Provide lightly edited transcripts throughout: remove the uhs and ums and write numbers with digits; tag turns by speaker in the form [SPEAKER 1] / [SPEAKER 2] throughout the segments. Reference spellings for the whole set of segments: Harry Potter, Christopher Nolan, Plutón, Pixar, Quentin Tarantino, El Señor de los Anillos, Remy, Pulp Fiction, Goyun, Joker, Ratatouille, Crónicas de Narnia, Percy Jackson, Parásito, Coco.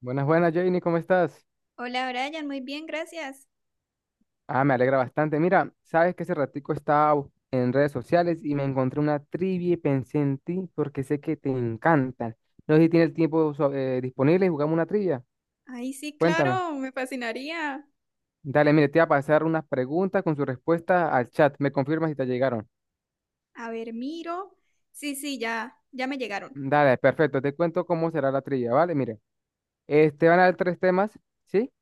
[SPEAKER 1] Buenas, buenas, Janie, ¿cómo estás?
[SPEAKER 2] Hola Brian, muy bien, gracias.
[SPEAKER 1] Ah, me alegra bastante. Mira, sabes que hace ratico estaba en redes sociales y me encontré una trivia y pensé en ti porque sé que te encantan. No sé si tienes el tiempo disponible y jugamos una trivia.
[SPEAKER 2] Ay, sí,
[SPEAKER 1] Cuéntame.
[SPEAKER 2] claro, me fascinaría.
[SPEAKER 1] Dale, mire, te voy a pasar unas preguntas con su respuesta al chat. Me confirmas si te llegaron.
[SPEAKER 2] A ver, miro. Sí, sí, ya, ya me llegaron.
[SPEAKER 1] Dale, perfecto. Te cuento cómo será la trivia, ¿vale? Mire, van a dar tres temas, ¿sí?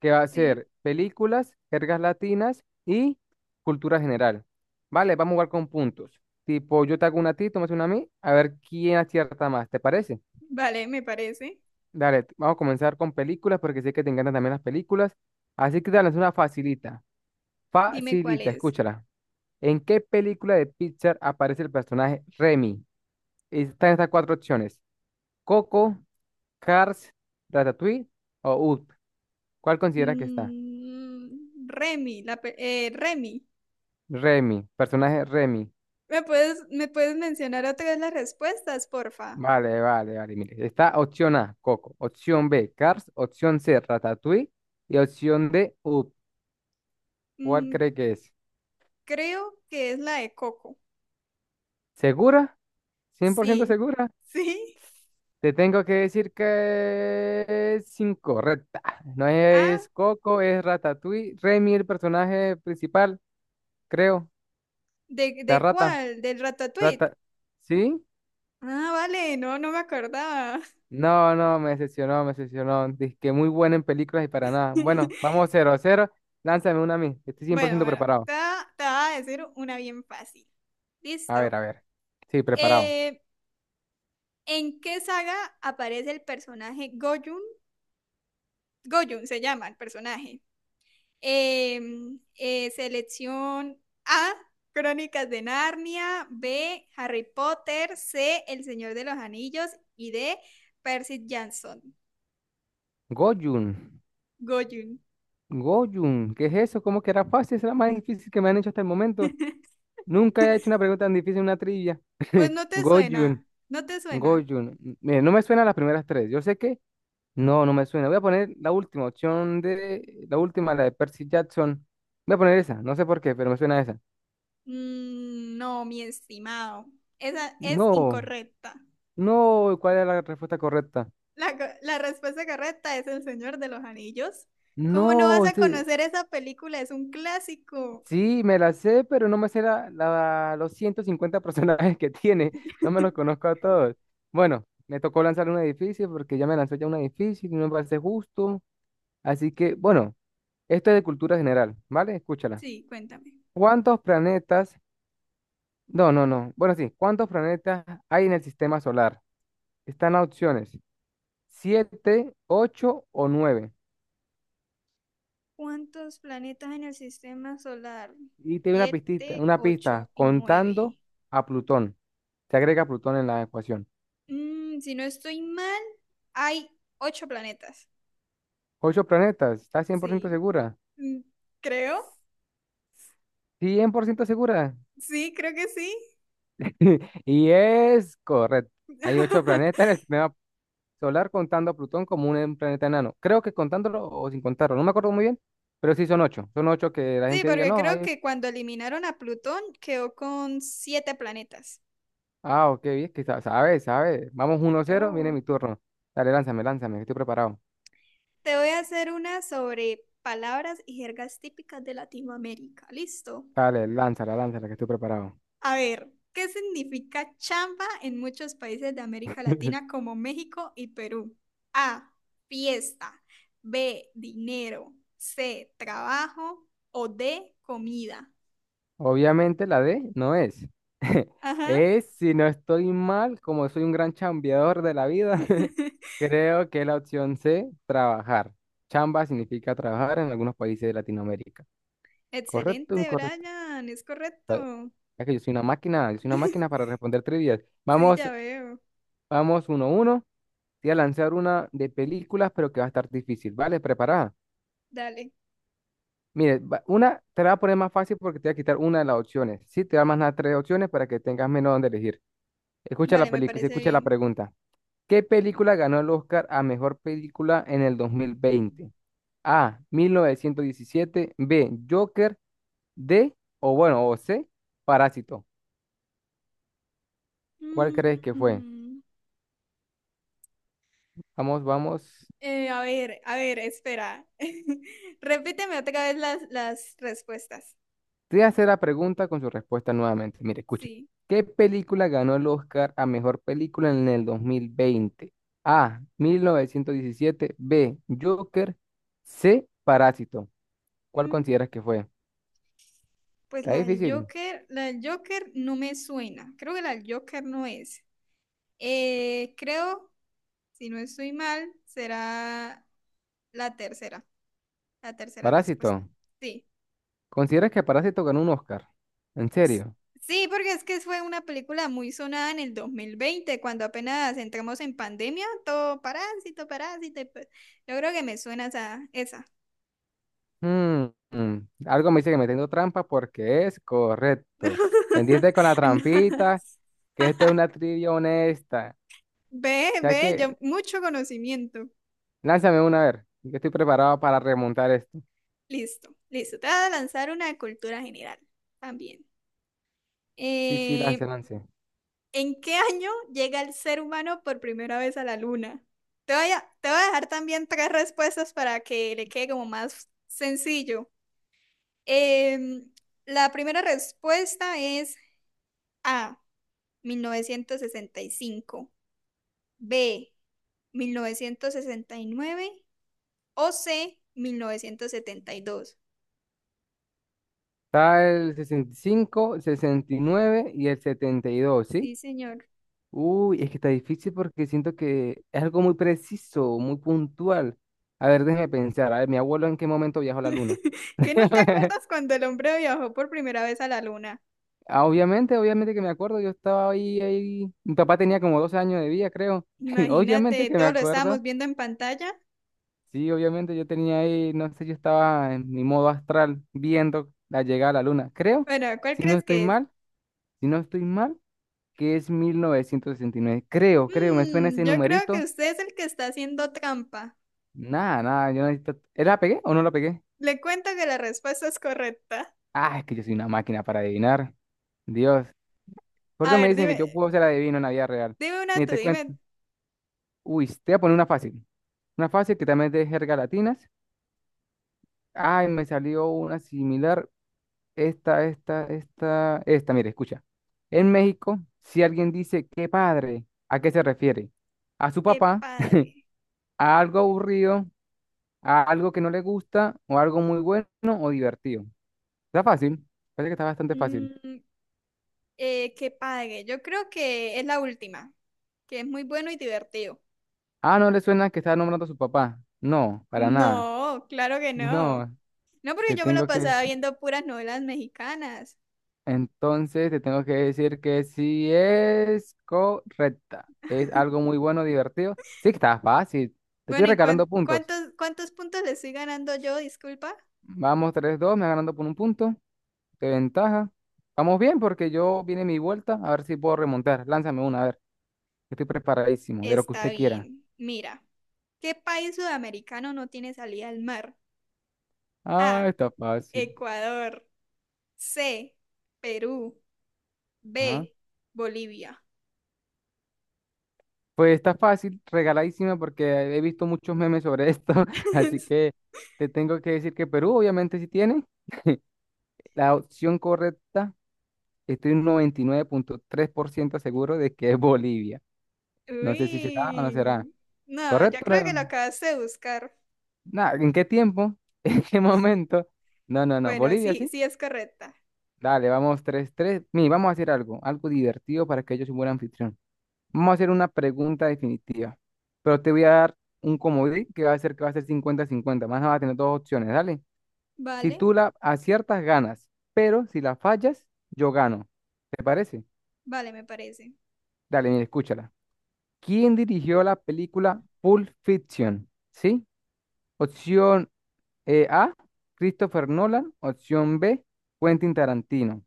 [SPEAKER 1] Que va a
[SPEAKER 2] Sí,
[SPEAKER 1] ser películas, jergas latinas y cultura general. Vale, vamos a jugar con puntos. Tipo, yo te hago una a ti, tú me haces una a mí, a ver quién acierta más, ¿te parece?
[SPEAKER 2] vale, me parece.
[SPEAKER 1] Dale, vamos a comenzar con películas porque sé que te encantan también las películas. Así que dale, es una facilita.
[SPEAKER 2] Dime cuál
[SPEAKER 1] Facilita,
[SPEAKER 2] es.
[SPEAKER 1] escúchala. ¿En qué película de Pixar aparece el personaje Remy? Están estas cuatro opciones. Coco, Cars, Ratatouille o Up. ¿Cuál consideras que está?
[SPEAKER 2] Remy, Remy.
[SPEAKER 1] Remy, personaje Remy.
[SPEAKER 2] ¿Me puedes mencionar otra vez las respuestas, porfa?
[SPEAKER 1] Vale, vale, vale. Mire, está opción A, Coco. Opción B, Cars. Opción C, Ratatouille. Y opción D, Up. ¿Cuál
[SPEAKER 2] Mm,
[SPEAKER 1] cree que es?
[SPEAKER 2] Creo que es la de Coco.
[SPEAKER 1] ¿Segura? ¿Cien por ciento
[SPEAKER 2] Sí,
[SPEAKER 1] segura?
[SPEAKER 2] ¿sí?
[SPEAKER 1] Te tengo que decir que es incorrecta. No
[SPEAKER 2] Ah,
[SPEAKER 1] es Coco, es Ratatouille. Remy, el personaje principal, creo.
[SPEAKER 2] ¿de,
[SPEAKER 1] La
[SPEAKER 2] de
[SPEAKER 1] rata.
[SPEAKER 2] cuál? ¿Del Ratatouille?
[SPEAKER 1] Rata. ¿Sí?
[SPEAKER 2] Ah, vale, no, no me acordaba.
[SPEAKER 1] No, no, me decepcionó, me decepcionó. Dice que muy buena en películas y para nada. Bueno, vamos cero a 0. Lánzame una a mí. Estoy cien por
[SPEAKER 2] Bueno,
[SPEAKER 1] ciento
[SPEAKER 2] bueno,
[SPEAKER 1] preparado.
[SPEAKER 2] te va a decir una bien fácil.
[SPEAKER 1] A ver,
[SPEAKER 2] Listo.
[SPEAKER 1] a ver. Sí, preparado.
[SPEAKER 2] Eh, ¿En qué saga aparece el personaje Goyun? Goyun se llama el personaje. Selección A, Crónicas de Narnia, B, Harry Potter, C, El Señor de los Anillos y D, Percy Jackson.
[SPEAKER 1] Goyun.
[SPEAKER 2] Goyun.
[SPEAKER 1] Goyun. ¿Qué es eso? ¿Cómo que era fácil? Es la más difícil que me han hecho hasta el momento. Nunca he hecho una pregunta tan difícil en una trivia.
[SPEAKER 2] Pues no te
[SPEAKER 1] Goyun.
[SPEAKER 2] suena, no te suena.
[SPEAKER 1] Goyun. Mire, no me suena las primeras tres. Yo sé que no me suena. Voy a poner la última opción de la última, la de Percy Jackson. Voy a poner esa. No sé por qué, pero me suena esa.
[SPEAKER 2] No, mi estimado. Esa es
[SPEAKER 1] No,
[SPEAKER 2] incorrecta.
[SPEAKER 1] no. ¿Cuál era la respuesta correcta?
[SPEAKER 2] La respuesta correcta es El Señor de los Anillos. ¿Cómo no vas
[SPEAKER 1] No,
[SPEAKER 2] a conocer esa película? Es un clásico.
[SPEAKER 1] Sí, me la sé, pero no me sé los 150 personajes que tiene. No me los conozco a todos. Bueno, me tocó lanzar un edificio porque ya me lanzó ya un edificio y no me parece justo. Así que, bueno, esto es de cultura general, ¿vale? Escúchala.
[SPEAKER 2] Sí, cuéntame.
[SPEAKER 1] ¿Cuántos planetas? No, no, no. Bueno, sí, ¿cuántos planetas hay en el sistema solar? Están las opciones: siete, ocho o nueve.
[SPEAKER 2] ¿Cuántos planetas en el sistema solar?
[SPEAKER 1] Y te doy una pistita,
[SPEAKER 2] Siete,
[SPEAKER 1] una pista,
[SPEAKER 2] ocho y
[SPEAKER 1] contando
[SPEAKER 2] nueve.
[SPEAKER 1] a Plutón. Se agrega Plutón en la ecuación.
[SPEAKER 2] Si no estoy mal, hay ocho planetas.
[SPEAKER 1] Ocho planetas, ¿estás 100%
[SPEAKER 2] Sí.
[SPEAKER 1] segura?
[SPEAKER 2] Mm, Creo.
[SPEAKER 1] Cien por ciento segura.
[SPEAKER 2] Sí, creo que sí.
[SPEAKER 1] Y es correcto. Hay ocho planetas en el sistema solar contando a Plutón como un planeta enano. Creo que contándolo o sin contarlo, no me acuerdo muy bien, pero sí son ocho. Son ocho que la
[SPEAKER 2] Sí,
[SPEAKER 1] gente diga,
[SPEAKER 2] porque
[SPEAKER 1] no, hay
[SPEAKER 2] creo
[SPEAKER 1] ocho.
[SPEAKER 2] que cuando eliminaron a Plutón quedó con siete planetas.
[SPEAKER 1] Ah, ok, bien, que sabe, sabe. Vamos 1 cero viene
[SPEAKER 2] Claro.
[SPEAKER 1] mi turno. Dale, lánzame, lánzame, que estoy preparado.
[SPEAKER 2] Te voy a hacer una sobre palabras y jergas típicas de Latinoamérica. ¿Listo?
[SPEAKER 1] Dale, lánzala, lánzala, que estoy preparado.
[SPEAKER 2] A ver, ¿qué significa chamba en muchos países de América Latina como México y Perú? A, fiesta. B, dinero. C, trabajo. O D, comida.
[SPEAKER 1] Obviamente la D no es.
[SPEAKER 2] Ajá.
[SPEAKER 1] Es, si no estoy mal, como soy un gran chambeador de la vida, creo que es la opción C, trabajar. Chamba significa trabajar en algunos países de Latinoamérica. ¿Correcto o
[SPEAKER 2] Excelente,
[SPEAKER 1] incorrecto?
[SPEAKER 2] Brian. Es
[SPEAKER 1] Ah,
[SPEAKER 2] correcto.
[SPEAKER 1] es que yo soy una máquina, yo soy una máquina para responder trivias.
[SPEAKER 2] Sí,
[SPEAKER 1] Vamos,
[SPEAKER 2] ya veo.
[SPEAKER 1] vamos uno a uno. Te voy a lanzar una de películas, pero que va a estar difícil. ¿Vale? Preparada.
[SPEAKER 2] Dale.
[SPEAKER 1] Mire, una te la voy a poner más fácil porque te voy a quitar una de las opciones. Sí, te voy a mandar tres opciones para que tengas menos donde elegir. Escucha la
[SPEAKER 2] Vale, me
[SPEAKER 1] película, se
[SPEAKER 2] parece
[SPEAKER 1] escucha la
[SPEAKER 2] bien.
[SPEAKER 1] pregunta. ¿Qué película ganó el Oscar a mejor película en el 2020? A, mil novecientos diecisiete. B, Joker. D. O bueno, o C, Parásito. ¿Cuál crees que fue?
[SPEAKER 2] Mm.
[SPEAKER 1] Vamos, vamos.
[SPEAKER 2] A ver, a ver, espera. Repíteme otra vez las respuestas.
[SPEAKER 1] Te voy a hacer la pregunta con su respuesta nuevamente. Mire, escucha.
[SPEAKER 2] Sí.
[SPEAKER 1] ¿Qué película ganó el Oscar a mejor película en el 2020? A, mil novecientos diecisiete. B, Joker. C, Parásito. ¿Cuál
[SPEAKER 2] Mm,
[SPEAKER 1] consideras que fue?
[SPEAKER 2] pues
[SPEAKER 1] Está difícil.
[SPEAKER 2] La del Joker no me suena. Creo que la del Joker no es. Creo, si no estoy mal, será la tercera, la tercera respuesta.
[SPEAKER 1] Parásito.
[SPEAKER 2] Sí.
[SPEAKER 1] ¿Consideras que Parásito ganó un Oscar? ¿En
[SPEAKER 2] S-
[SPEAKER 1] serio?
[SPEAKER 2] Sí, porque es que fue una película muy sonada en el 2020, cuando apenas entramos en pandemia, todo parásito, parásito. Y pues, yo creo que me suena esa, esa.
[SPEAKER 1] Mm, mm. Algo me dice que me tengo trampa porque es correcto. Pendiente con la
[SPEAKER 2] No.
[SPEAKER 1] trampita, que esto es una trivia honesta.
[SPEAKER 2] Ve,
[SPEAKER 1] O sea
[SPEAKER 2] ve,
[SPEAKER 1] que,
[SPEAKER 2] ya mucho conocimiento.
[SPEAKER 1] lánzame una a ver. Yo estoy preparado para remontar esto.
[SPEAKER 2] Listo, listo. Te voy a lanzar una de cultura general también.
[SPEAKER 1] Sí, sí, lance,
[SPEAKER 2] Eh,
[SPEAKER 1] lance.
[SPEAKER 2] ¿En qué año llega el ser humano por primera vez a la luna? Te voy a dejar también tres respuestas para que le quede como más sencillo. Em, la primera respuesta es A, 1965. B, 1969. OC dos.
[SPEAKER 1] Está el 65, 69 y nueve y el 72, ¿sí?
[SPEAKER 2] Sí, señor.
[SPEAKER 1] Uy, es que está difícil porque siento que es algo muy preciso, muy puntual. A ver, déjeme pensar. A ver, mi abuelo en qué momento viajó a la luna.
[SPEAKER 2] ¿Qué no te acuerdas cuando el hombre viajó por primera vez a la luna?
[SPEAKER 1] Ah, obviamente, obviamente que me acuerdo, yo estaba ahí, ahí, mi papá tenía como 12 años de vida, creo. Obviamente
[SPEAKER 2] Imagínate,
[SPEAKER 1] que me
[SPEAKER 2] todo lo estábamos
[SPEAKER 1] acuerdo.
[SPEAKER 2] viendo en pantalla.
[SPEAKER 1] Sí, obviamente yo tenía ahí, no sé, yo estaba en mi modo astral viendo la llegada a la luna. Creo,
[SPEAKER 2] Bueno, ¿cuál
[SPEAKER 1] si no
[SPEAKER 2] crees
[SPEAKER 1] estoy
[SPEAKER 2] que es?
[SPEAKER 1] mal, si no estoy mal, que es mil novecientos sesenta y nueve. Creo, creo, me suena ese
[SPEAKER 2] Yo creo que
[SPEAKER 1] numerito.
[SPEAKER 2] usted es el que está haciendo trampa.
[SPEAKER 1] Nada, nada, yo necesito... ¿La pegué o no la pegué?
[SPEAKER 2] Le cuento que la respuesta es correcta.
[SPEAKER 1] Ah, es que yo soy una máquina para adivinar. Dios. Por
[SPEAKER 2] A
[SPEAKER 1] eso me
[SPEAKER 2] ver,
[SPEAKER 1] dicen que
[SPEAKER 2] dime,
[SPEAKER 1] yo puedo ser adivino en la vida real.
[SPEAKER 2] dime una
[SPEAKER 1] Mire,
[SPEAKER 2] tú,
[SPEAKER 1] te cuento.
[SPEAKER 2] dime.
[SPEAKER 1] Uy, te voy a poner una fácil. Una fácil que también es de jerga latinas. Ay, me salió una similar. Esta, mire, escucha. En México, si alguien dice qué padre, ¿a qué se refiere? ¿A su
[SPEAKER 2] Qué
[SPEAKER 1] papá?
[SPEAKER 2] padre.
[SPEAKER 1] ¿A algo aburrido? ¿A algo que no le gusta? ¿O algo muy bueno o divertido? Está fácil. Parece que está bastante fácil.
[SPEAKER 2] Mm, Qué padre. Yo creo que es la última, que es muy bueno y divertido.
[SPEAKER 1] Ah, no le suena que está nombrando a su papá. No, para nada.
[SPEAKER 2] No, claro que no.
[SPEAKER 1] No,
[SPEAKER 2] No, porque
[SPEAKER 1] te
[SPEAKER 2] yo me lo
[SPEAKER 1] tengo que...
[SPEAKER 2] pasaba viendo puras novelas mexicanas.
[SPEAKER 1] Entonces te tengo que decir que sí es correcta. Es algo muy bueno, divertido. Sí, que está fácil. Te estoy
[SPEAKER 2] Bueno, ¿y
[SPEAKER 1] regalando
[SPEAKER 2] cuán-
[SPEAKER 1] puntos.
[SPEAKER 2] cuántos, cuántos puntos le estoy ganando yo? Disculpa.
[SPEAKER 1] Vamos tres dos, me vas ganando por un punto. De ventaja. Vamos bien porque yo viene mi vuelta. A ver si puedo remontar. Lánzame una, a ver. Estoy preparadísimo, de lo que
[SPEAKER 2] Está
[SPEAKER 1] usted quiera.
[SPEAKER 2] bien. Mira, ¿qué país sudamericano no tiene salida al mar?
[SPEAKER 1] Ah,
[SPEAKER 2] A,
[SPEAKER 1] está fácil.
[SPEAKER 2] Ecuador. C, Perú.
[SPEAKER 1] Ajá.
[SPEAKER 2] B, Bolivia.
[SPEAKER 1] Pues está fácil, regaladísima porque he visto muchos memes sobre esto. Así que te tengo que decir que Perú obviamente sí tiene. La opción correcta, estoy un 99.3% seguro de que es Bolivia. No sé si será o no será.
[SPEAKER 2] Uy. No, yo
[SPEAKER 1] ¿Correcto?
[SPEAKER 2] creo que lo acabaste de buscar.
[SPEAKER 1] Nada, ¿en qué tiempo? ¿En qué momento? No, no, no.
[SPEAKER 2] Bueno,
[SPEAKER 1] ¿Bolivia,
[SPEAKER 2] sí,
[SPEAKER 1] sí?
[SPEAKER 2] sí es correcta.
[SPEAKER 1] Dale, vamos tres, tres. Mire, vamos a hacer algo, algo divertido para que yo sea un buen anfitrión. Vamos a hacer una pregunta definitiva. Pero te voy a dar un comodín que va a ser 50-50. Más nada vas a tener dos opciones, dale. Si
[SPEAKER 2] Vale,
[SPEAKER 1] tú la aciertas, ganas. Pero si la fallas, yo gano. ¿Te parece?
[SPEAKER 2] vale, me parece.
[SPEAKER 1] Dale, mira, escúchala. ¿Quién dirigió la película Pulp Fiction? ¿Sí? Opción A, Christopher Nolan. Opción B, Quentin Tarantino.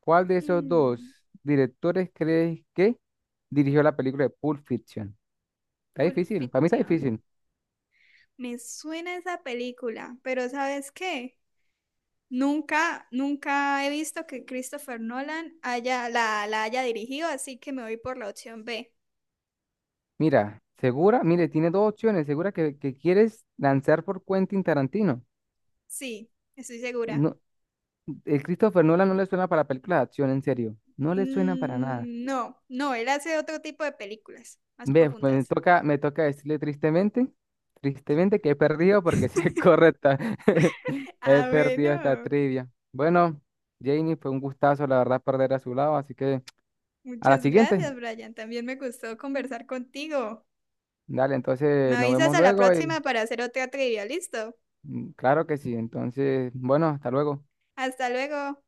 [SPEAKER 1] ¿Cuál de esos
[SPEAKER 2] Mm,
[SPEAKER 1] dos directores crees que dirigió la película de Pulp Fiction? Está
[SPEAKER 2] Pulp
[SPEAKER 1] difícil, para mí está
[SPEAKER 2] Fiction.
[SPEAKER 1] difícil.
[SPEAKER 2] Me suena esa película, pero ¿sabes qué? Nunca, nunca he visto que Christopher Nolan haya, la haya dirigido, así que me voy por la opción B.
[SPEAKER 1] Mira, segura, mire, tiene dos opciones. Segura que quieres lanzar por Quentin Tarantino.
[SPEAKER 2] Sí, estoy segura.
[SPEAKER 1] No, el Christopher Nolan no le suena para películas de acción, en serio. No le suena para nada.
[SPEAKER 2] No, no, él hace otro tipo de películas, más
[SPEAKER 1] Ve, pues
[SPEAKER 2] profundas.
[SPEAKER 1] me toca decirle tristemente, tristemente que he perdido porque sí es correcta. He
[SPEAKER 2] Ah,
[SPEAKER 1] perdido esta
[SPEAKER 2] bueno.
[SPEAKER 1] trivia. Bueno, Janie, fue un gustazo, la verdad, perder a su lado, así que a la
[SPEAKER 2] Muchas
[SPEAKER 1] siguiente.
[SPEAKER 2] gracias, Brian. También me gustó conversar contigo.
[SPEAKER 1] Dale,
[SPEAKER 2] Me
[SPEAKER 1] entonces nos
[SPEAKER 2] avisas
[SPEAKER 1] vemos
[SPEAKER 2] a la
[SPEAKER 1] luego y
[SPEAKER 2] próxima para hacer otra trivia, ¿listo?
[SPEAKER 1] mm, claro que sí. Entonces, bueno, hasta luego.
[SPEAKER 2] Hasta luego.